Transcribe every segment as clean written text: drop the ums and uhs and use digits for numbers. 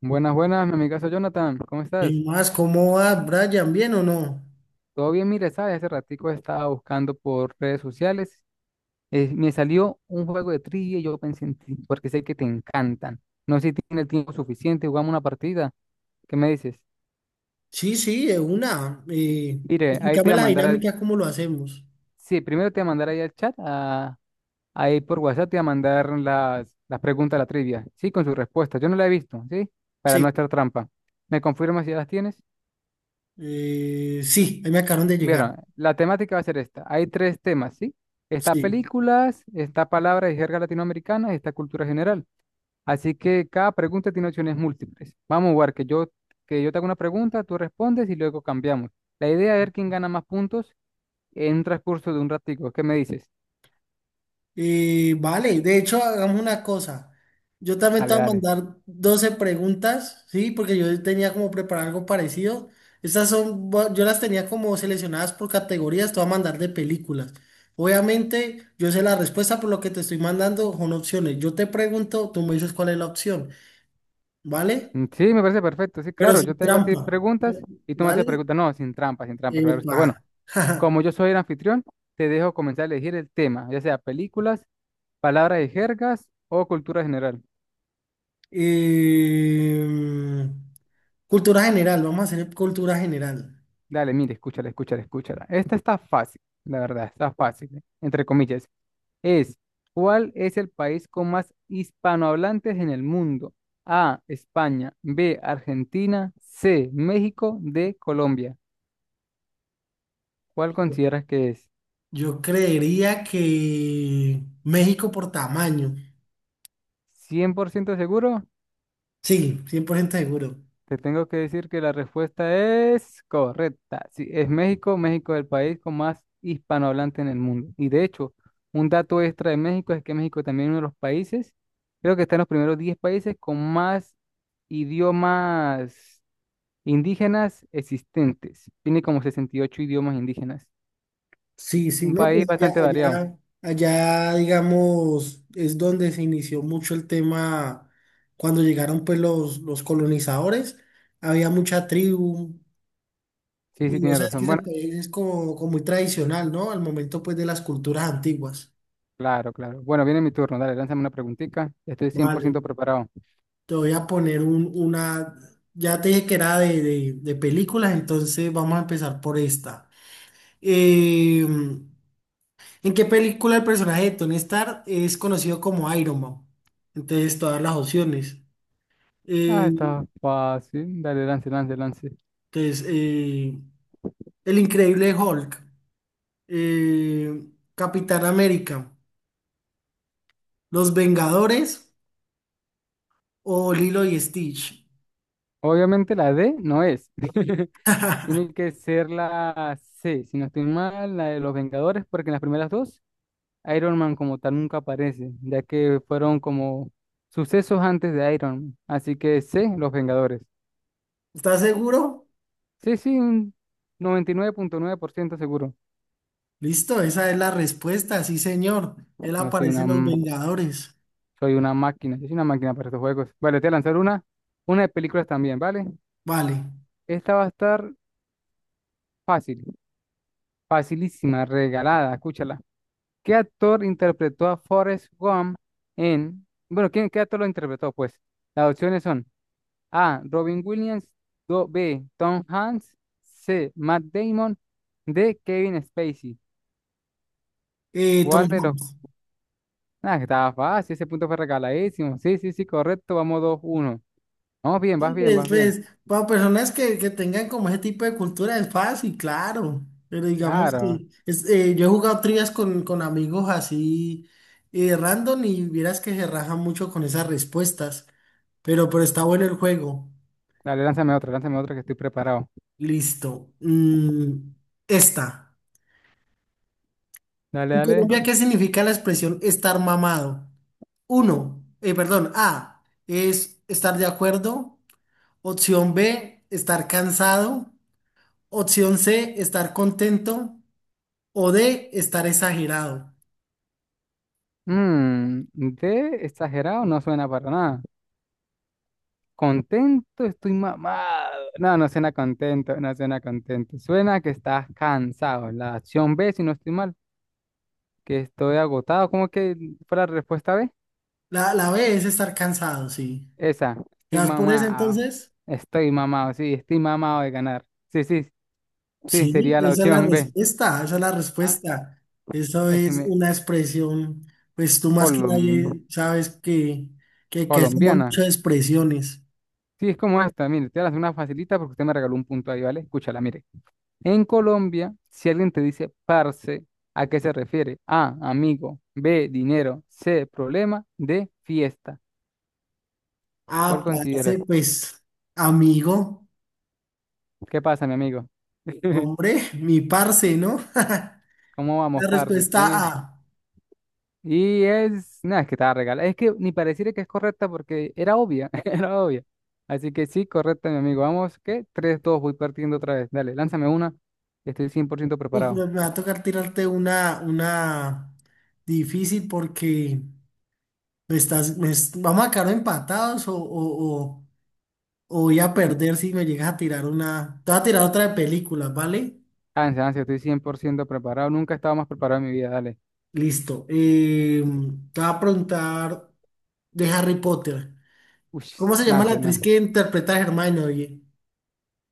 Buenas, buenas, mi amigazo Jonathan, ¿cómo estás? ¿Y más? ¿Cómo va, Brian? ¿Bien o no? Todo bien, mire, sabes, hace ratico estaba buscando por redes sociales, me salió un juego de trivia y yo pensé en ti, porque sé que te encantan. No sé si tienes el tiempo suficiente, jugamos una partida, ¿qué me dices? Sí, sí, de una. Mire, ahí te Explícame voy a la mandar al, dinámica, cómo lo hacemos. sí, primero te voy a mandar ahí al chat, ahí por WhatsApp te voy a mandar las preguntas de la trivia, sí, con sus respuestas, yo no la he visto, sí, para no Sí, estar trampa. ¿Me confirmas si ya las tienes? Sí, ahí me acabaron de llegar. Vieron, la temática va a ser esta. Hay tres temas, ¿sí? Está Sí. películas, está palabras y jerga latinoamericana y está cultura general. Así que cada pregunta tiene opciones múltiples. Vamos a jugar que yo te hago una pregunta, tú respondes y luego cambiamos. La idea es ver quién gana más puntos en un transcurso de un ratico. ¿Qué me dices? Vale, de hecho, hagamos una cosa. Yo también te Dale, voy a dale. mandar 12 preguntas, sí, porque yo tenía como preparar algo parecido. Estas son, yo las tenía como seleccionadas por categorías, te voy a mandar de películas. Obviamente, yo sé la respuesta por lo que te estoy mandando, son opciones. Yo te pregunto, tú me dices cuál es la opción. ¿Vale? Mm, sí, me parece perfecto. Sí, Pero claro, yo sin te hago a ti trampa, preguntas y tú me haces ¿vale? preguntas. No, sin trampa, sin trampa, claro está. Epa. Bueno, como yo soy el anfitrión, te dejo comenzar a elegir el tema, ya sea películas, palabra de jergas o cultura general. Eh, Cultura general, vamos a hacer cultura general. Dale, mire, escúchala, escúchala, escúchala. Esta está fácil, la verdad, está fácil, ¿eh?, entre comillas. Es, ¿cuál es el país con más hispanohablantes en el mundo? A, España, B, Argentina, C, México, D, Colombia. ¿Cuál consideras que es? Yo creería que México por tamaño. ¿100% seguro? Sí, 100% seguro. Te tengo que decir que la respuesta es correcta. Sí, es México. México es el país con más hispanohablantes en el mundo. Y de hecho, un dato extra de México es que México también es uno de los países, creo que está en los primeros 10 países con más idiomas indígenas existentes. Tiene como 68 idiomas indígenas. Sí, sí, Un no, país pues ya bastante variado. allá, allá, digamos, es donde se inició mucho el tema cuando llegaron pues los colonizadores. Había mucha tribu. Sí, Y sí, vos tiene sabés que razón. ese Bueno, país es como, como muy tradicional, ¿no? Al momento pues de las culturas antiguas. claro, claro. Bueno, viene mi turno. Dale, lánzame una preguntita. Estoy cien por Vale, ciento preparado. te voy a poner una, ya te dije que era de películas, entonces vamos a empezar por esta. ¿En qué película el personaje de Tony Stark es conocido como Iron Man? Entonces todas las opciones. Eh, Ah, está fácil. Dale, lance, lance, lance. entonces, eh, El Increíble Hulk, eh, Capitán América, Los Vengadores o Lilo y Stitch. Obviamente la D no es. Tiene que ser la C, si no estoy mal, la de los Vengadores, porque en las primeras dos Iron Man como tal nunca aparece, ya que fueron como sucesos antes de Iron Man. Así que C, los Vengadores. ¿Estás seguro? Sí, sí, un 99.9% seguro. Listo, esa es la respuesta, sí, señor. Él Yo soy aparece una, en Los m- Vengadores. soy una máquina, yo soy una máquina para estos juegos. Vale, te voy a lanzar una de películas también, ¿vale? Vale. Esta va a estar fácil, facilísima, regalada, escúchala. ¿Qué actor interpretó a Forrest Gump Bueno, qué actor lo interpretó? Pues las opciones son A, Robin Williams, B, Tom Hanks, C, Matt Damon, D, Kevin Spacey. Tom ¿Cuál de los? Hanks. Ah, estaba fácil, ese punto fue regaladísimo. Sí, sí, sí, correcto, vamos 2-1. Vamos bien, vas Sí, bien, pues, vas bien. pues, para personas que tengan como ese tipo de cultura es fácil, claro. Pero digamos Claro. que es, yo he jugado trivias con amigos así, random, y vieras que se rajan mucho con esas respuestas. Pero está bueno el juego. Dale, lánzame otra, lánzame otra, que estoy preparado. Listo. Mm, esta. Dale, En dale. Colombia, ¿qué significa la expresión estar mamado? Uno, perdón, A es estar de acuerdo. Opción B, estar cansado. Opción C, estar contento. O D, estar exagerado. D, exagerado, no suena para nada. Contento, estoy mamado. No, no suena contento, no suena contento. Suena que estás cansado. La opción B, si no estoy mal, que estoy agotado. ¿Cómo que fue la respuesta B? La B es estar cansado, sí. Esa, estoy ¿Ya vas por esa mamado. entonces? Estoy mamado, sí, estoy mamado de ganar. Sí, sí, sí, Sí, sería la esa es la opción B. respuesta, esa es la Ah, respuesta. Eso es que es me una expresión, pues tú más que colom- nadie sabes que hacemos colombiana. muchas expresiones. Sí, es como esta, mire, te voy a hacer una facilita porque usted me regaló un punto ahí, ¿vale? Escúchala, mire. En Colombia, si alguien te dice parce, ¿a qué se refiere? A, amigo, B, dinero, C, problema, D, fiesta. ¿Cuál Ah, parce, consideras? pues, amigo. ¿Qué pasa, mi amigo? Hombre, mi parce, ¿no? ¿Cómo La vamos, parce? respuesta Sí. A. Y es, nada, es que estaba regalada. Es que ni pareciera que es correcta porque era obvia, era obvia. Así que sí, correcta, mi amigo. Vamos, qué tres, 3-2, voy partiendo otra vez. Dale, lánzame una. Estoy 100% Uf, preparado. pero me va a tocar tirarte una difícil porque me estás, vamos a quedar empatados o voy a perder si me llegas a tirar una. Te voy a tirar otra de películas, ¿vale? Lance, lance, estoy 100% preparado. Nunca estaba más preparado en mi vida. Dale. Listo. Te voy a preguntar de Harry Potter. Uy, ¿Cómo se llama la lance, actriz lance. que interpreta a Hermione, oye?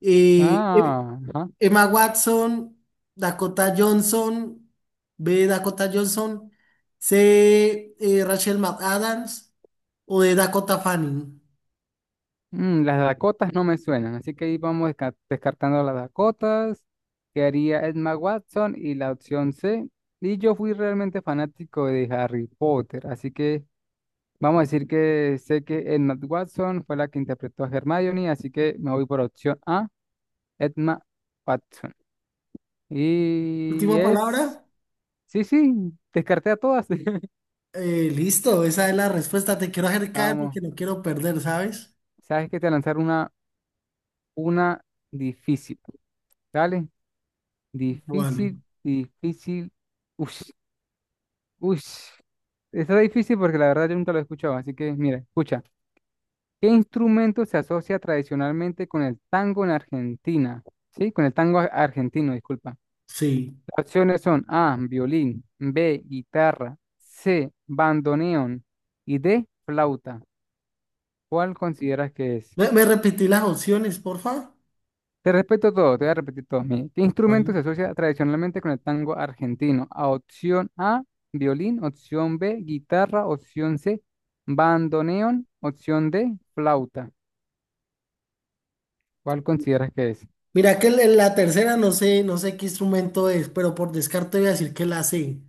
eh, Ah, ajá. Emma Watson, Dakota Johnson, B. Dakota Johnson, C. Rachel McAdams o D. Dakota Fanning. Las Dakotas no me suenan, así que ahí vamos descartando las Dakotas. Quedaría Emma Watson y la opción C. Y yo fui realmente fanático de Harry Potter, así que vamos a decir que sé que Emma Watson fue la que interpretó a Hermione, así que me voy por opción A, Emma Watson. Y Última es... palabra. Sí, sí, descarté a todas. Listo, esa es la respuesta. Te quiero acercar Vamos, porque no quiero perder, ¿sabes? sabes que te voy a lanzar una difícil. Dale. Vale, Difícil, difícil. Uy, uy. Está difícil porque la verdad yo nunca lo he escuchado. Así que, mira, escucha. ¿Qué instrumento se asocia tradicionalmente con el tango en Argentina? Sí, con el tango argentino, disculpa. sí. Las opciones son A, violín, B, guitarra, C, bandoneón y D, flauta. ¿Cuál consideras que es? ¿Me, me repetí las opciones, porfa? Te respeto todo, te voy a repetir todos mis. ¿Qué instrumento se Vale. asocia tradicionalmente con el tango argentino? A, opción A, violín, opción B, guitarra, opción C, bandoneón, opción D, flauta. ¿Cuál consideras que es? Mira que la tercera no sé, no sé qué instrumento es, pero por descarte voy a decir que la C.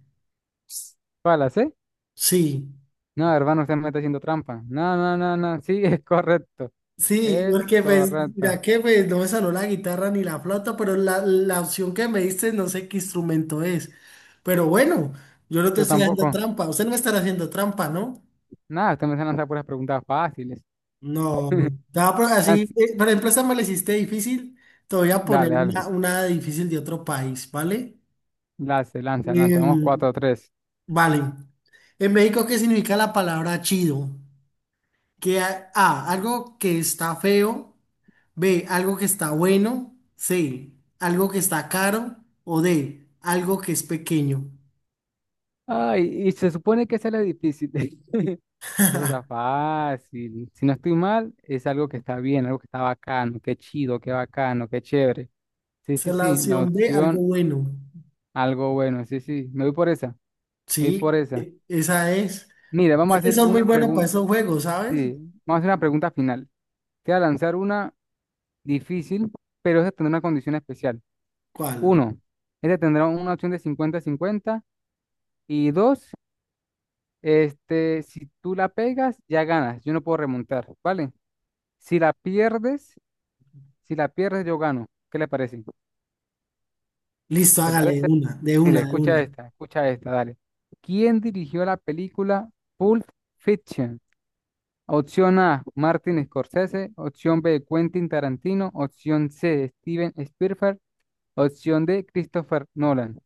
¿Cuál la C? Sí. No, hermano, usted me está haciendo trampa. No, no, no, no, sí, es correcto. Sí, Es porque pues, correcto. mira que pues no me salió la guitarra ni la flauta, pero la opción que me diste no sé qué instrumento es. Pero bueno, yo no te Yo estoy haciendo tampoco. trampa. Usted no me estará haciendo trampa, ¿no? Nada, usted me está lanzando puras preguntas fáciles. No, te va así, Lance- por ejemplo, esta me la hiciste difícil. Te voy a Dale, poner dale. Una difícil de otro país, ¿vale? Lance, lanza, lanza. Vamos Em, cuatro, a 3. vale. En México, ¿qué significa la palabra chido? A, algo que está feo. B, algo que está bueno. C, algo que está caro. O D, algo que es pequeño. Ay, y se supone que esa es la difícil. Eso está fácil. Si no estoy mal, es algo que está bien, algo que está bacano, qué chido, qué bacano, qué chévere. Sí, Esa sí, es la sí, la opción B, algo opción, bueno. algo bueno. Sí, sí, me voy por esa, me voy Sí, por esa. Esa es. Mira, vamos a Ya que hacer son muy una buenos para pregunta, esos juegos, ¿sabes? sí, vamos a hacer una pregunta final. Te voy a lanzar una difícil, pero esa tendrá una condición especial. ¿Cuál? Uno, esta tendrá una opción de 50 cincuenta y dos, este, si tú la pegas, ya ganas, yo no puedo remontar, ¿vale? Si la pierdes Si la pierdes, yo gano. ¿Qué le parece? Listo, ¿Te hágale de parece? una, de Mire, una, de una. Escucha esta, dale. ¿Quién dirigió la película Pulp Fiction? Opción A, Martin Scorsese. Opción B, Quentin Tarantino. Opción C, Steven Spielberg. Opción D, Christopher Nolan.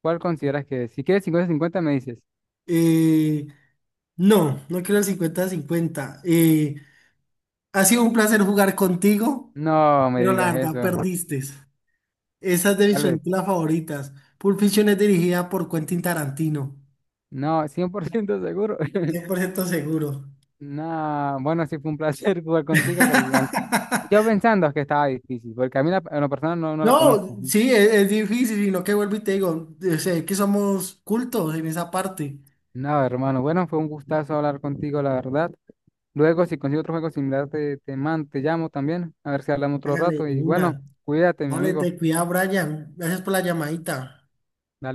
¿Cuál consideras que es? Si quieres 50-50 me dices. Eh, no, no quiero el 50-50. Ha sido un placer jugar contigo, No me pero la digas verdad eso. perdiste. Esa es de mis ¿Cuál es? películas favoritas. Pulp Fiction es dirigida por Quentin Tarantino. No, 100% seguro. 100% seguro. No, bueno, sí fue un placer jugar contigo, pero la Yo pensando que estaba difícil, porque a mí, en lo personal, no la conozco. No, Ujú. sí, es difícil, sino que vuelvo y te digo, sé que somos cultos en esa parte. Nada, hermano. Bueno, fue un gustazo hablar contigo, la verdad. Luego, si consigo otro juego similar, te llamo también, a ver si hablamos otro Hágale rato. Y bueno, una. cuídate, mi Vale, amigo. te cuida, Brian. Gracias por la llamadita. Dale un